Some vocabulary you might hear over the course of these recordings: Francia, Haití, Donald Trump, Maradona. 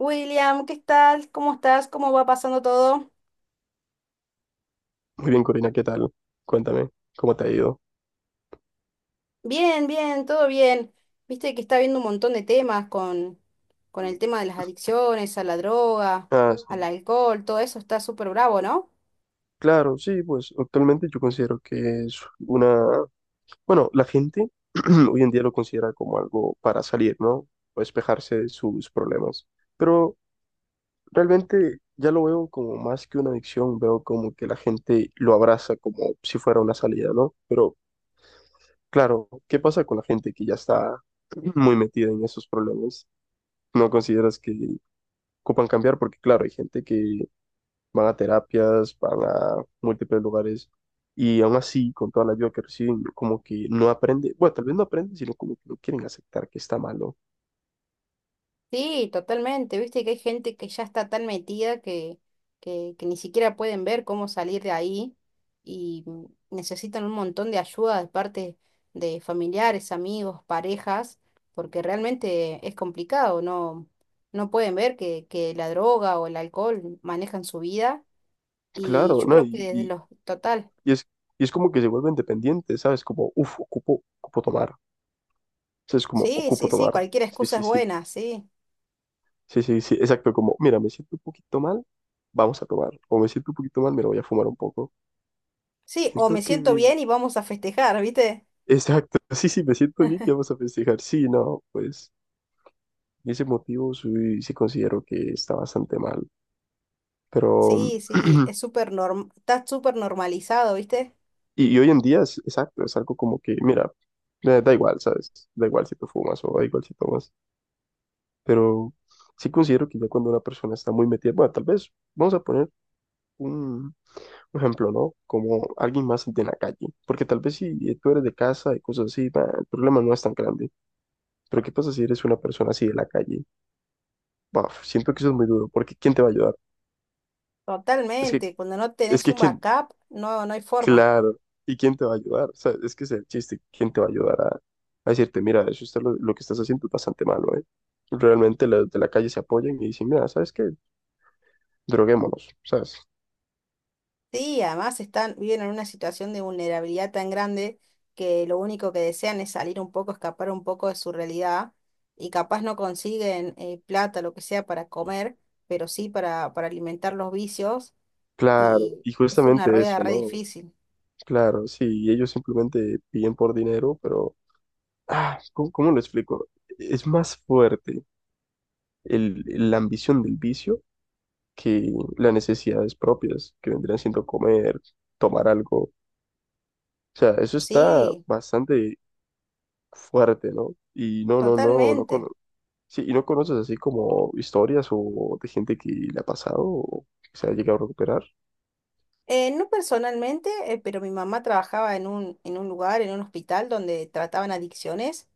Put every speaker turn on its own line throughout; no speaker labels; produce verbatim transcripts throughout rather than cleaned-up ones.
William, ¿qué tal? ¿Cómo estás? ¿Cómo va pasando todo?
Muy bien, Corina, ¿qué tal? Cuéntame, ¿cómo te ha ido?
Bien, bien, todo bien. Viste que está viendo un montón de temas con, con el tema de las adicciones, a la droga,
Ah,
al
sí,
alcohol, todo eso está súper bravo, ¿no?
claro, sí, pues actualmente yo considero que es una, bueno, la gente hoy en día lo considera como algo para salir, ¿no? O despejarse de sus problemas. Pero realmente ya lo veo como más que una adicción, veo como que la gente lo abraza como si fuera una salida, ¿no? Pero claro, ¿qué pasa con la gente que ya está muy metida en esos problemas? ¿No consideras que ocupan cambiar? Porque claro, hay gente que van a terapias, van a múltiples lugares y aún así, con toda la ayuda que reciben, como que no aprende, bueno, tal vez no aprenden, sino como que no quieren aceptar que está malo.
Sí, totalmente. Viste que hay gente que ya está tan metida que, que, que ni siquiera pueden ver cómo salir de ahí y mm, necesitan un montón de ayuda de parte de familiares, amigos, parejas, porque realmente es complicado, no, no pueden ver que, que la droga o el alcohol manejan su vida y
Claro,
yo
¿no?
creo que
Y,
desde
y,
los... Total.
y es, y es como que se vuelven dependientes, ¿sabes? Como, uff, ocupo, ocupo tomar. O sea, es como,
Sí,
ocupo
sí, sí,
tomar.
cualquier
Sí,
excusa es
sí, sí,
buena, sí.
sí, sí, sí, exacto, como, mira, me siento un poquito mal, vamos a tomar. O me siento un poquito mal, me lo voy a fumar un poco.
Sí, o me
Siento
siento
que...
bien y vamos a festejar, ¿viste?
Exacto, sí, sí, me siento bien, ya vamos a festejar. Sí, no, pues y ese motivo sí, sí considero que está bastante mal. Pero,
Sí, sí, es súper norm, está súper normalizado, ¿viste?
y, y hoy en día es exacto, es algo como que, mira, da da igual, ¿sabes? Da igual si tú fumas o da igual si tomas. Pero sí considero que ya cuando una persona está muy metida, bueno, tal vez, vamos a poner un, un ejemplo, ¿no? Como alguien más de la calle. Porque tal vez si tú eres de casa y cosas así, bah, el problema no es tan grande. Pero ¿qué pasa si eres una persona así de la calle? Bah, siento que eso es muy duro, porque ¿quién te va a ayudar? Es que,
Totalmente. Cuando no
es
tenés
que
un
¿quién?
backup, no, no hay forma.
Claro. ¿Y quién te va a ayudar? O sea, es que ese es el chiste. ¿Quién te va a ayudar a, a decirte, mira, eso está lo, lo que estás haciendo es bastante malo, ¿eh? Realmente los de la calle se apoyan y dicen, mira, ¿sabes qué? Droguémonos, ¿sabes?
Sí, además están, viven en una situación de vulnerabilidad tan grande que lo único que desean es salir un poco, escapar un poco de su realidad y capaz no consiguen eh, plata, lo que sea, para comer, pero sí para, para alimentar los vicios
Claro,
y
y
es una
justamente
rueda
eso,
re
¿no?
difícil.
Claro, sí, y ellos simplemente piden por dinero, pero, ah, ¿cómo, cómo lo explico? Es más fuerte el, la ambición del vicio que las necesidades propias, que vendrían siendo comer, tomar algo. O sea, eso está
Sí,
bastante fuerte, ¿no? Y no, no, no, no
totalmente.
cono- sí, y no conoces así como historias o de gente que le ha pasado o que se ha llegado a recuperar.
Eh, no personalmente, eh, pero mi mamá trabajaba en un, en un lugar, en un hospital donde trataban adicciones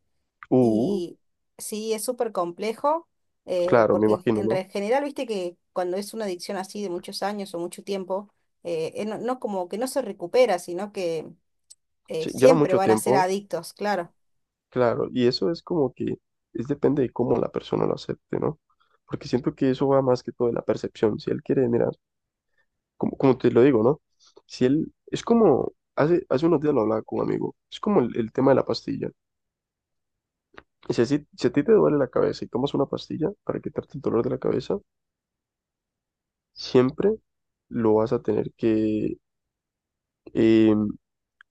Uh,
y sí, es súper complejo eh,
claro, me
porque en,
imagino,
en
¿no?
re- general, viste que cuando es una adicción así de muchos años o mucho tiempo, eh, eh, no, no como que no se recupera, sino que eh,
Sí, lleva
siempre
mucho
van a ser
tiempo,
adictos, claro.
claro, y eso es como que es depende de cómo la persona lo acepte, ¿no? Porque siento que eso va más que todo de la percepción. Si él quiere, mira, como, como te lo digo, ¿no? Si él, es como, hace, hace unos días lo hablaba con un amigo, es como el, el tema de la pastilla. Si, así- si a ti te duele la cabeza y tomas una pastilla para quitarte el dolor de la cabeza, siempre lo vas a tener que, eh,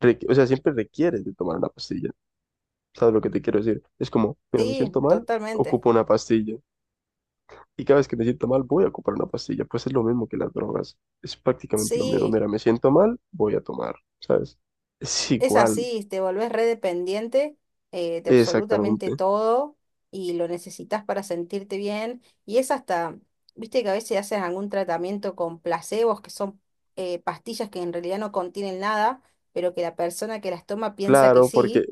requ- o sea, siempre requieres de tomar una pastilla. ¿Sabes lo que te quiero decir? Es como, mira, me
Sí,
siento mal,
totalmente.
ocupo una pastilla. Y cada vez que me siento mal, voy a ocupar una pastilla. Pues es lo mismo que las drogas. Es prácticamente lo mismo.
Sí.
Mira, me siento mal, voy a tomar, ¿sabes? Es
Es
igual,
así, te volvés redependiente eh, de absolutamente
exactamente.
todo y lo necesitas para sentirte bien. Y es hasta, viste que a veces haces algún tratamiento con placebos, que son eh, pastillas que en realidad no contienen nada, pero que la persona que las toma piensa que
Claro, porque,
sí.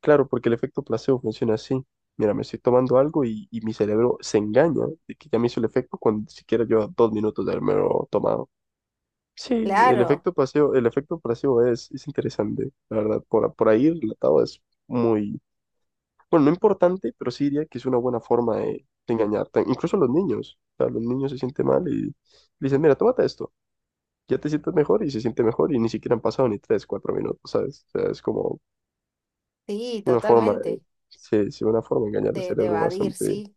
claro, porque el efecto placebo funciona así. Mira, me estoy tomando algo y, y mi cerebro se engaña de que ya me hizo el efecto cuando ni siquiera lleva dos minutos de haberme tomado. Sí, el
Claro,
efecto pasivo, el efecto pasivo es, es interesante, la verdad. Por, por ahí relatado es muy, bueno, no importante, pero sí diría que es una buena forma de, de engañar. Incluso a los niños, o sea, los niños se sienten mal y le dicen, mira, tómate esto, ya te sientes mejor y se siente mejor y ni siquiera han pasado ni tres, cuatro minutos, ¿sabes? O sea, es como
sí,
una forma,
totalmente.
de- sí, sí, una forma de engañar el
De, de
cerebro
evadir,
bastante.
sí.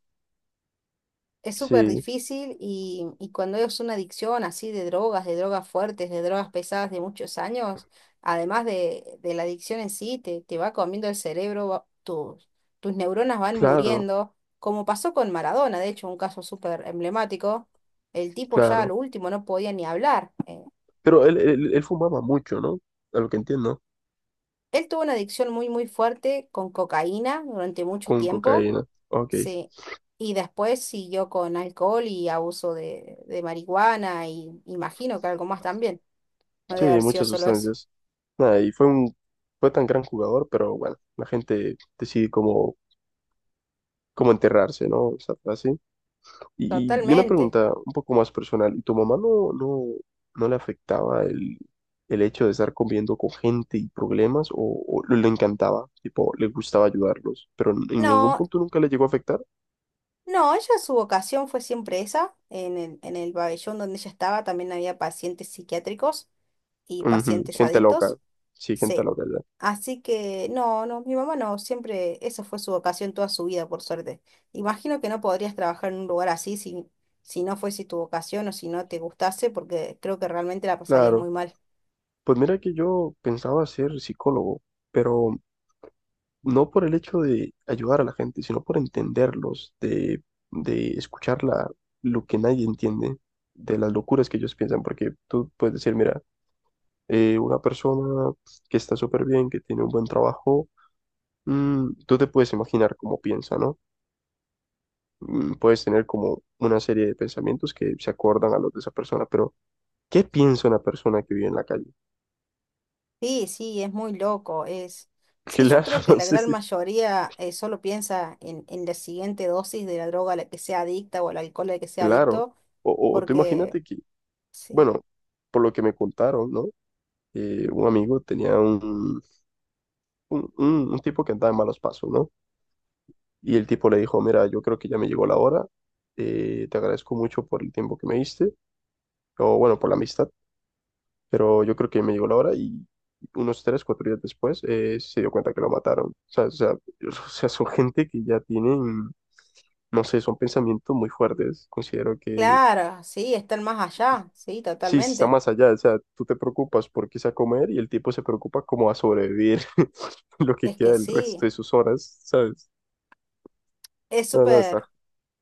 Es súper
Sí,
difícil y, y cuando es una adicción así de drogas, de drogas fuertes, de drogas pesadas de muchos años, además de, de la adicción en sí, te, te va comiendo el cerebro, va- tus, tus neuronas van
claro,
muriendo, como pasó con Maradona, de hecho, un caso súper emblemático. El tipo ya a
claro.
lo último no podía ni hablar. eh.
Pero él, él, él fumaba mucho, ¿no? A lo que entiendo,
Él tuvo una adicción muy, muy fuerte con cocaína durante mucho
con
tiempo.
cocaína. Ok.
Sí, y después siguió con alcohol y abuso de, de marihuana y imagino que algo más también. No
Sí,
debe haber sido
muchas
solo eso.
sustancias. Nada, y fue un, fue tan gran jugador, pero bueno, la gente decide cómo, cómo enterrarse, ¿no? Esa frase. Y, y una
Totalmente.
pregunta un poco más personal. ¿Y tu mamá no, no, no le afectaba el, el hecho de estar conviviendo con gente y problemas? ¿O, o le encantaba? Tipo, le gustaba ayudarlos, pero en ningún
No,
punto nunca le llegó a afectar.
no, ella su vocación fue siempre esa. En el, en el pabellón donde ella estaba también había pacientes psiquiátricos y
Ujú,
pacientes
gente loca.
adictos.
Sí, gente
Sí.
loca, ya.
Así que no, no, mi mamá no, siempre eso fue su vocación toda su vida, por suerte. Imagino que no podrías trabajar en un lugar así si, si no fuese tu vocación o si no te gustase, porque creo que realmente la pasarías
Claro.
muy mal.
Pues mira que yo pensaba ser psicólogo, pero no por el hecho de ayudar a la gente, sino por entenderlos, de, de escuchar la- lo que nadie entiende, de las locuras que ellos piensan, porque tú puedes decir, mira, eh, una persona que está súper bien, que tiene un buen trabajo, mm, tú te puedes imaginar cómo piensa, ¿no? Mm, puedes tener como una serie de pensamientos que se acordan a los de esa persona, pero ¿qué piensa una persona que vive en la calle?
Sí, sí, es muy loco, es... Sí, yo
Claro,
creo que la
sí,
gran
sí,
mayoría eh, solo piensa en, en la siguiente dosis de la droga a la que sea adicta o el alcohol al que sea
claro.
adicto,
O, o tú
porque
imagínate que,
sí.
bueno, por lo que me contaron, ¿no? eh, un amigo tenía un, un, un- un tipo que andaba en malos pasos, ¿no? Y el tipo le dijo, mira, yo creo que ya me llegó la hora, eh, te agradezco mucho por el tiempo que me diste, o bueno, por la amistad, pero yo creo que me llegó la hora y unos tres, cuatro días después eh, se dio cuenta que lo mataron. O sea, o sea, o sea, son gente que ya tienen, no sé, son pensamientos muy fuertes. Considero que
Claro, sí, están más allá, sí,
sí, sí está
totalmente.
más allá, o sea, tú te preocupas por qué sea comer y el tipo se preocupa como a sobrevivir lo que
Es
queda
que
del resto
sí,
de sus horas, ¿sabes?
es
No, no, está,
súper...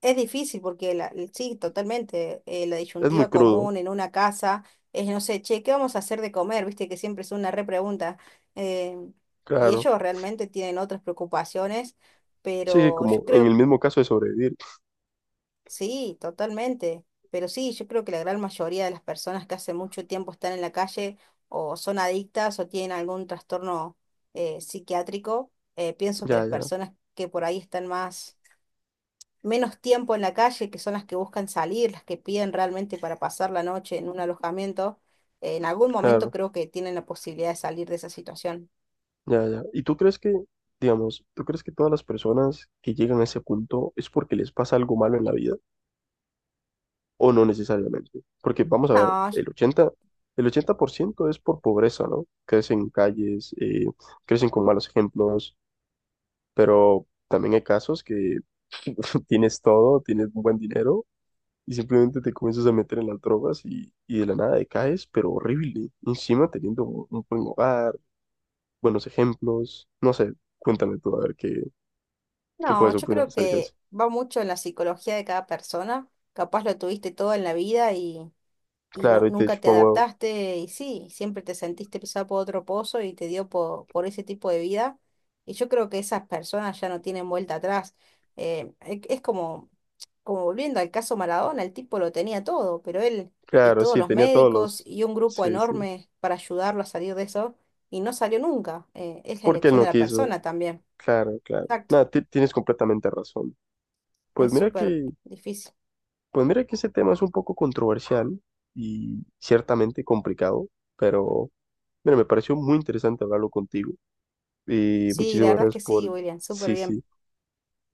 Es difícil porque la, sí, totalmente. Eh, la
es muy
disyuntiva
crudo,
común en una casa es, no sé, che, ¿qué vamos a hacer de comer? Viste que siempre es una repregunta. eh, y
claro.
ellos realmente tienen otras preocupaciones,
Sí, sí,
pero yo
como en
creo,
el mismo caso de sobrevivir.
sí, totalmente. Pero sí, yo creo que la gran mayoría de las personas que hace mucho tiempo están en la calle o son adictas o tienen algún trastorno eh, psiquiátrico, eh, pienso que
Ya,
las
ya,
personas que por ahí están más menos tiempo en la calle, que son las que buscan salir, las que piden realmente para pasar la noche en un alojamiento, en algún momento
claro,
creo que tienen la posibilidad de salir de esa situación.
ya, ya. ¿Y tú crees que, digamos, tú crees que todas las personas que llegan a ese punto es porque les pasa algo malo en la vida o no necesariamente? Porque vamos a ver,
No, yo-
el ochenta, el ochenta por ciento es por pobreza, ¿no? Crecen en calles, eh, crecen con malos ejemplos. Pero también hay casos que tienes todo, tienes un buen dinero y simplemente te comienzas a meter en las drogas y, y de la nada decaes, pero horrible. Encima teniendo un un buen hogar, buenos ejemplos, no sé, cuéntame tú a ver qué, qué
no,
puedes
yo
opinar
creo
acerca de
que
eso.
va mucho en la psicología de cada persona. Capaz lo tuviste todo en la vida y, y no,
Claro, y te
nunca te
chupa un huevo.
adaptaste y sí, siempre te sentiste pisado por otro pozo y te dio por, por ese tipo de vida. Y yo creo que esas personas ya no tienen vuelta atrás. Eh, e- es como como volviendo al caso Maradona, el tipo lo tenía todo, pero él y
Claro,
todos
sí,
los
tenía todos
médicos
los...
y un grupo
Sí, sí.
enorme para ayudarlo a salir de eso, y no salió nunca. Eh, es la
¿Por qué él
elección de
no
la
quiso?
persona también.
Claro, claro.
Exacto,
Nada, ti- tienes completamente razón. Pues
es
mira
súper
que,
difícil.
pues mira que ese tema es un poco controversial y ciertamente complicado, pero... Mira, me pareció muy interesante hablarlo contigo y
Sí, la
muchísimas
verdad es
gracias
que sí,
por,
William, súper
sí,
bien.
sí,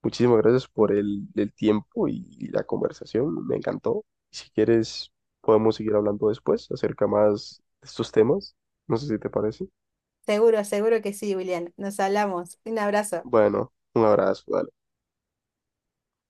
muchísimas gracias
Mm.
por el, el tiempo y la conversación, me encantó. Si quieres, podemos seguir hablando después acerca más de estos temas, no sé si te parece.
Seguro, seguro que sí, William. Nos hablamos. Un abrazo.
Bueno, un abrazo, dale.